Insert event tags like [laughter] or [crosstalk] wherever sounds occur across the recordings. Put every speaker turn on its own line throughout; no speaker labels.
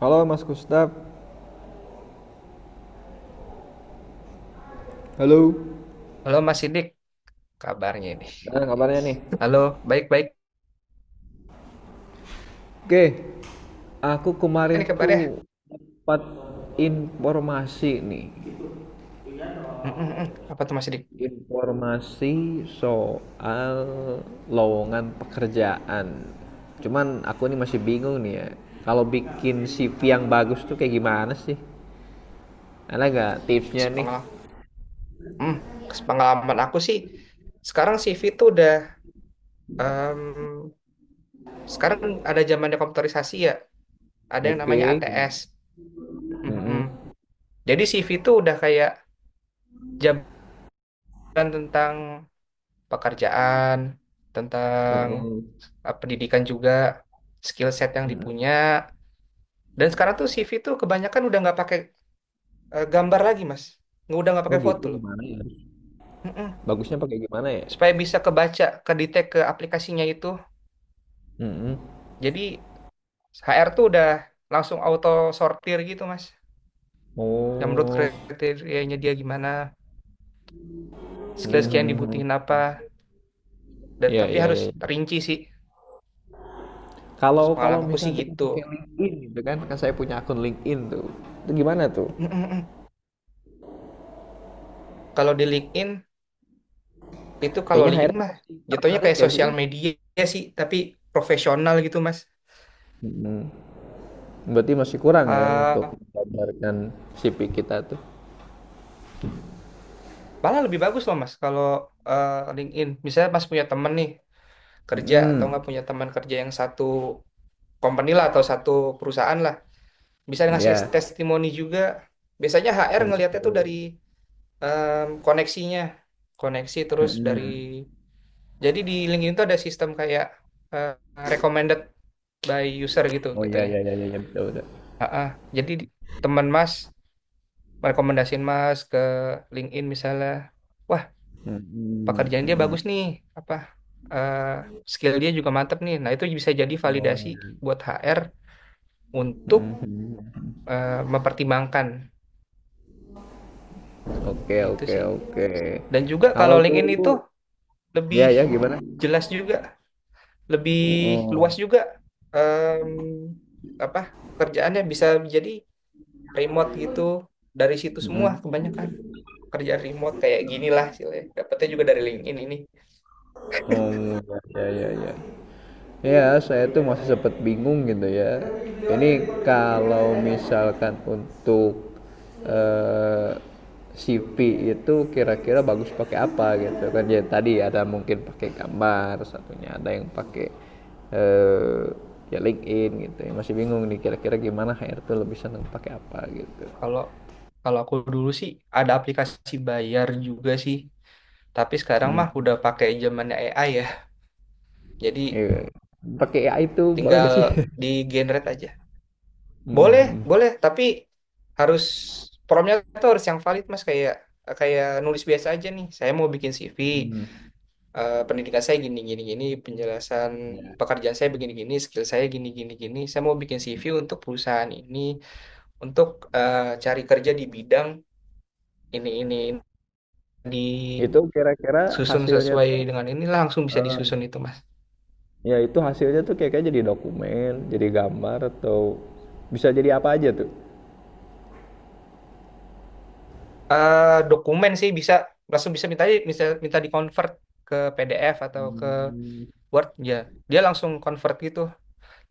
Halo Mas Gustaf. Halo.
Halo Mas Sidik, kabarnya ini.
Gimana kabarnya nih?
Halo, baik-baik
Oke, aku kemarin
ini kabarnya.
tuh dapat informasi nih,
Mm, mm, mm. Apa tuh Mas Sidik?
informasi soal lowongan pekerjaan. Cuman aku ini masih bingung nih ya, kalau bikin CV yang bagus tuh kayak gimana sih? Ada nggak tipsnya nih?
Sepengalaman, hmm, sepengalaman aku sih, sekarang CV tuh udah, em, sekarang ada zamannya komputerisasi ya, ada yang namanya
Oke, gimana?
ATS. Mm, mm, mm.
Mm-mm,
Jadi CV tuh udah kayak jabaran tentang pekerjaan, tentang
mm-mm,
pendidikan juga, skill set yang
mm-mm.
dipunya. Dan sekarang tuh CV tuh kebanyakan udah nggak pakai gambar lagi, Mas. Nggak, udah nggak
Oh
pakai
gitu,
foto.
gimana ya?
Mm-mm.
Bagusnya pakai gimana ya?
Supaya bisa kebaca, kedetek ke aplikasinya itu.
Mm-mm.
Jadi HR tuh udah langsung auto sortir gitu, Mas. Yang menurut
Oh.
kriterianya dia gimana, skill-skill yang
Mhm.
dibutuhin apa. Dan
Ya
tapi
ya,
harus
iya.
rinci sih.
Kalau kalau
Pengalaman aku
misal
sih
kita
gitu.
pakai LinkedIn gitu kan, kan saya punya akun LinkedIn tuh. Itu gimana tuh?
Mm-mm. Kalau di LinkedIn, itu kalau
Kayaknya HR
LinkedIn
tuh
mah
masih
jatuhnya
tertarik
kayak
gak sih?
sosial media sih, tapi profesional gitu, Mas.
Mhm. Berarti masih kurang ya untuk
Eh,
menggambarkan CV kita tuh.
Malah lebih bagus loh, Mas, kalau LinkedIn. Misalnya Mas punya temen nih kerja atau
Hmm.
nggak punya teman kerja yang satu company lah atau satu perusahaan lah bisa ngasih
Ya.
testimoni juga, biasanya HR ngelihatnya tuh dari
Oke.
koneksinya, koneksi, terus dari,
Mhm.
jadi di LinkedIn tuh ada sistem kayak eh, recommended by user gitu
Oh ya
gitunya
ya ya ya, ya betul betul.
Ah, jadi teman Mas merekomendasiin Mas ke LinkedIn misalnya, wah
Mhm.
pekerjaan dia bagus
Mhm.
nih apa, eh, skill dia juga mantep nih, nah itu bisa jadi
Oh
validasi
ya.
buat HR untuk
Mhm.
mempertimbangkan
Oke
gitu
oke
sih.
oke.
Dan juga
Kalau
kalau LinkedIn
dulu,
itu lebih
ya ya, gimana?
jelas juga, lebih luas
Oh.
juga, em, apa, kerjaannya bisa jadi remote gitu, dari situ semua kebanyakan kerjaan remote kayak gini lah istilahnya. Dapatnya juga dari LinkedIn ini.
Oh, ya ya ya. Ya, saya tuh masih sempat bingung gitu ya. Ini kalau misalkan untuk eh, CP itu kira-kira bagus pakai apa gitu kan? Ya tadi ada mungkin pakai gambar, satunya ada yang pakai eh ya LinkedIn gitu. Ya, masih bingung nih kira-kira gimana HR tuh lebih seneng pakai apa gitu.
Kalau kalau aku dulu sih ada aplikasi bayar juga sih, tapi sekarang
Hmm.
mah udah pakai zamannya AI ya. Jadi
Iya. Pakai AI itu boleh
tinggal
gak sih? [laughs]
di generate aja. Boleh,
Mm-mm.
boleh, tapi harus promnya tuh harus yang valid Mas, kayak kayak nulis biasa aja nih. Saya mau bikin CV, pendidikan saya gini gini gini, penjelasan pekerjaan saya begini gini, skill saya gini gini gini. Saya mau bikin CV untuk perusahaan ini, untuk cari kerja di bidang ini ini.
Itu
Disusun
kira-kira hasilnya
sesuai
tuh,
dengan ini, langsung bisa
eh,
disusun itu Mas.
ya itu hasilnya tuh kayak kayak jadi dokumen, jadi gambar atau bisa jadi apa aja tuh.
Dokumen sih bisa langsung bisa minta di convert ke PDF atau ke
Hmm.
Word ya. Dia langsung convert gitu.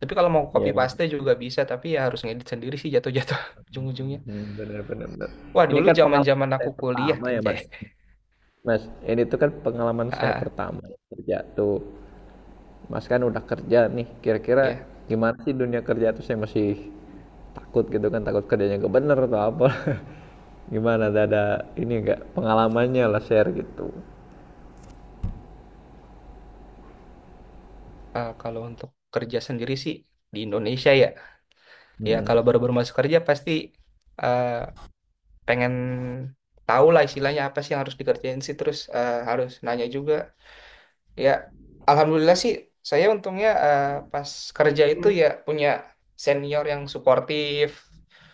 Tapi kalau mau copy
Ya, ya.
paste juga bisa, tapi ya harus ngedit sendiri sih, jatuh-jatuh [laughs] ujung-ujungnya.
Hmm, bener bener bener.
Wah,
Ini
dulu
kan pengalaman
zaman-zaman
saya
aku kuliah
pertama ya
anjay.
Mas.
[laughs]
Mas, ini tuh kan pengalaman saya
Ah,
pertama ya, kerja tuh. Mas kan udah kerja nih. Kira-kira
Ya,
gimana sih dunia kerja tuh, saya masih takut gitu kan, takut kerjanya gak bener atau apa. [laughs] Gimana, ada ini enggak pengalamannya lah share gitu.
kalau untuk kerja sendiri sih di Indonesia ya. Ya kalau
Hmm.
baru-baru masuk kerja pasti eh, pengen tahu lah istilahnya, apa sih yang harus dikerjain sih, terus harus nanya juga. Ya, alhamdulillah sih saya untungnya pas kerja itu ya punya senior yang suportif.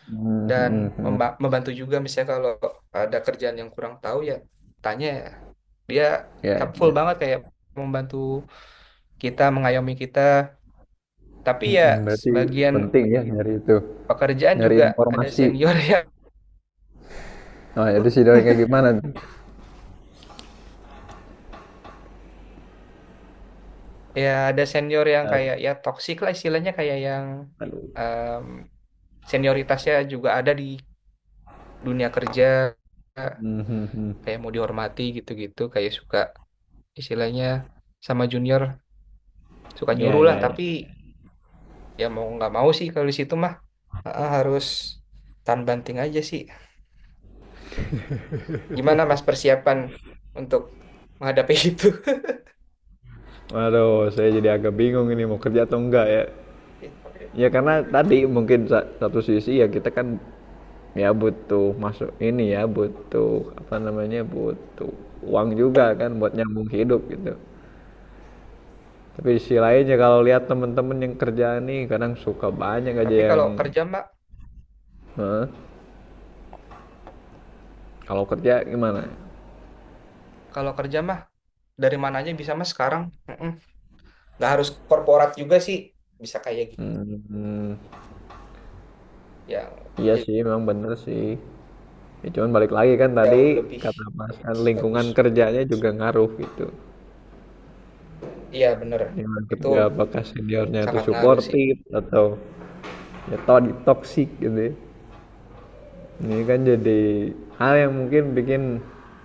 Hmm,
Dan
hmm, hmm.
membantu juga, misalnya kalau ada kerjaan yang kurang tahu ya tanya ya. Dia
Ya,
helpful
ya.
banget, kayak membantu kita, mengayomi kita. Tapi ya
Mm-mm. Berarti
sebagian
penting ya nyari itu,
pekerjaan
nyari
juga ada
informasi.
senior [laughs] yang,
Nah, jadi sih dari kayak gimana tuh?
ya ada senior yang
Yes.
kayak ya toksik lah istilahnya, kayak yang
Aduh.
em, senioritasnya juga ada di dunia kerja,
Mhm.
kayak mau dihormati gitu-gitu, kayak suka istilahnya sama junior suka
Iya,
nyuruh
iya,
lah, tapi
iya.
ya mau nggak mau sih kalau di situ mah. Heeh, harus tahan banting aja sih. Gimana Mas persiapan untuk menghadapi [laughs] itu?
Waduh, saya jadi agak bingung ini mau kerja atau enggak ya.
Ya. Tapi
Ya karena tadi mungkin satu sisi ya kita kan ya butuh masuk ini ya, butuh apa namanya, butuh uang juga kan buat nyambung hidup gitu. Tapi di sisi lainnya kalau lihat temen-temen yang kerja nih kadang suka banyak aja yang,
kalau kerja Mbak,
"Hah? Kalau kerja gimana?
kalau kerja mah dari mana aja bisa Mas sekarang. Heeh. Nggak harus korporat juga sih, bisa kayak gitu
Hmm,
yang
iya
j-
sih, memang bener sih. Ya, cuman balik lagi kan tadi
jauh lebih
kata Mas kan
bagus.
lingkungan
Heeh.
kerjanya juga ngaruh gitu.
Iya bener,
Lingkungan
itu
kerja apakah seniornya itu
sangat ngaruh sih.
suportif atau ya toksik gitu, ya. Ini kan jadi hal yang mungkin bikin,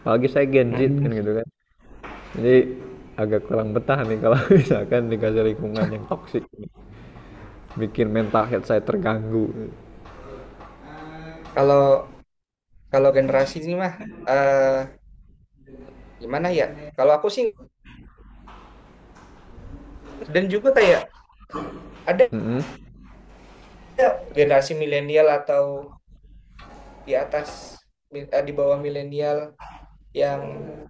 apalagi saya Gen Z kan
Heeh.
gitu kan. Jadi agak kurang betah nih kalau [laughs] misalkan dikasih lingkungan yang toksik, bikin mental health saya terganggu.
Kalau kalau generasi ini mah eh gimana ya? Kalau aku sih, dan juga kayak ada
Mm-mm.
generasi milenial atau di atas, di bawah milenial yang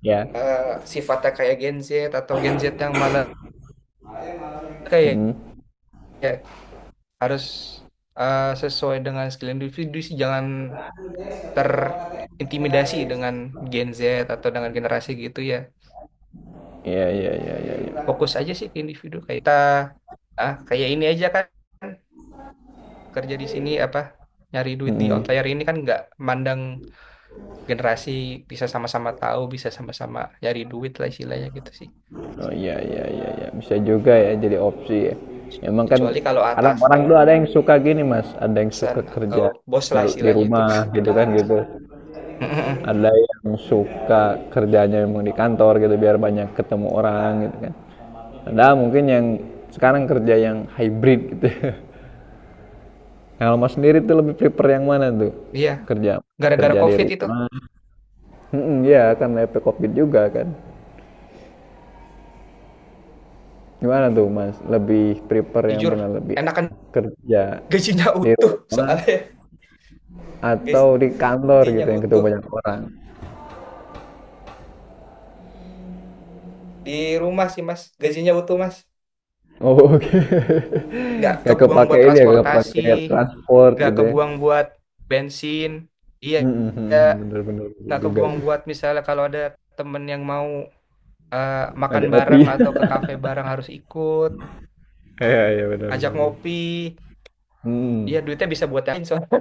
Ya.
eh, sifatnya kayak Gen Z, atau Gen Z yang malah kayak
Mm-mm.
kayak harus sesuai dengan skill individu sih, jangan terintimidasi dengan Gen Z atau dengan generasi gitu ya.
Iya, iya, iya, iya, iya.
Fokus aja sih ke individu, kayak kita ah kayak ini aja kan, kerja di sini apa, nyari duit di
Mm-mm.
outlier ini kan nggak mandang generasi, bisa sama-sama tahu, bisa sama-sama nyari duit lah istilahnya gitu sih.
Oh iya iya iya iya, bisa juga ya jadi opsi ya. Emang kan
Kecuali kalau
kadang
atas,
orang tuh ada yang suka gini Mas, ada yang
atasan
suka
atau
kerja
bos lah
di
istilahnya itu
rumah
[laughs]
gitu
beda
kan
lagi.
gitu.
[laughs]
Ada yang suka kerjanya memang di kantor gitu biar banyak ketemu orang gitu kan. Ada mungkin yang sekarang kerja yang hybrid gitu. [laughs] Kalau Mas sendiri tuh lebih prefer yang mana tuh?
Iya,
Kerja
gara-gara
kerja di
COVID itu,
rumah. Mm-mm. Iya kan efek COVID juga kan. Gimana tuh Mas, lebih prefer yang
jujur,
mana? Lebih enak
enakan
kerja
gajinya
di
utuh
rumah
soalnya. [laughs]
atau di kantor gitu
Gajinya
yang ketemu
utuh.
banyak orang?
Di rumah sih, Mas. Gajinya utuh, Mas.
Oh, [laughs] oke.
Nggak
Gak
kebuang
kepake
buat
ini ya, nggak
transportasi,
kepakai transport
nggak
gitu ya?
kebuang buat bensin. Iya,
Mhm mhm,
iya.
bener bener bener
Nggak
juga
kebuang
sih.
buat misalnya kalau ada temen yang mau makan
Ngajak ngopi.
bareng
[laughs]
atau ke kafe bareng harus ikut,
Iya iya, benar benar
ajak
bener.
ngopi.
Mhm,
Iya, duitnya bisa buat yang lain soalnya.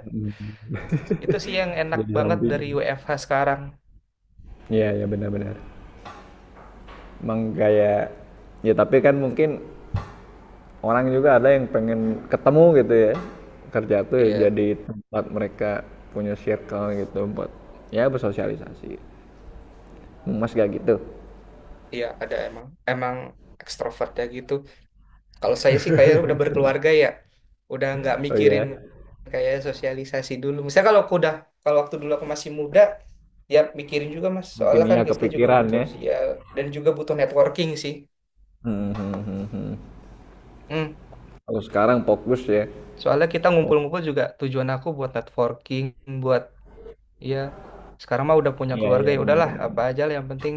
mhm,
Itu sih yang enak
jadi
banget
samping.
dari WFH sekarang.
Iya iya, benar benar. Emang kayak ya tapi kan mungkin orang juga ada yang pengen ketemu gitu ya, kerja tuh ya
Iya,
jadi tempat mereka punya circle gitu buat ya bersosialisasi mas gak gitu.
iya ada, emang emang ekstrovert ya gitu. Kalau saya sih kayak udah berkeluarga ya, udah nggak
Oh
mikirin
ya,
kayak sosialisasi dulu. Misalnya kalau aku udah, kalau waktu dulu aku masih muda, ya mikirin juga Mas.
mungkin
Soalnya kan
iya
kita juga
kepikiran
butuh
ya.
sosial dan juga butuh networking sih.
Hmm, hmm, hmm, hmm.
Hmm.
Kalau sekarang fokus ya.
Soalnya kita ngumpul-ngumpul
Fok-
juga tujuan aku buat networking, buat, ya sekarang mah udah punya
Iya
keluarga,
iya,
ya udahlah
benar-benar,
apa aja lah yang penting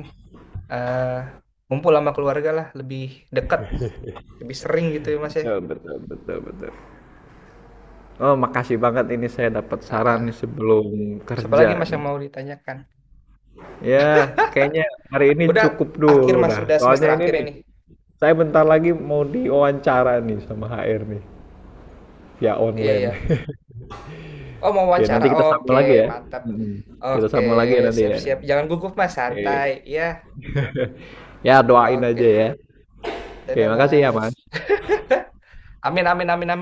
eh kumpul sama keluarga lah, lebih dekat, lebih sering gitu ya Mas ya.
betul betul betul betul. Oh makasih banget ini, saya dapat
Ah,
saran nih
ah.
sebelum
Siapa
kerja
lagi Mas
nih.
yang mau ditanyakan?
Ya kayaknya hari ini
Udah
cukup
akhir
dulu
Mas,
dah,
udah
soalnya
semester
ini
akhir
nih,
ini.
saya bentar lagi mau diwawancara nih sama HR nih, via
Iya,
online.
iya,
[laughs]
oh mau
Oke,
wawancara,
nanti kita sambung
oke.
lagi ya.
Mantap.
Mhm. Kita
Oke.
sambung lagi ya nanti
Siap,
ya.
siap, jangan gugup Mas,
Oke.
santai, iya.
Ya doain aja
Oke.
ya. Oke,
Dadah
makasih ya
Mas.
Mas.
Amin, amin, amin, amin.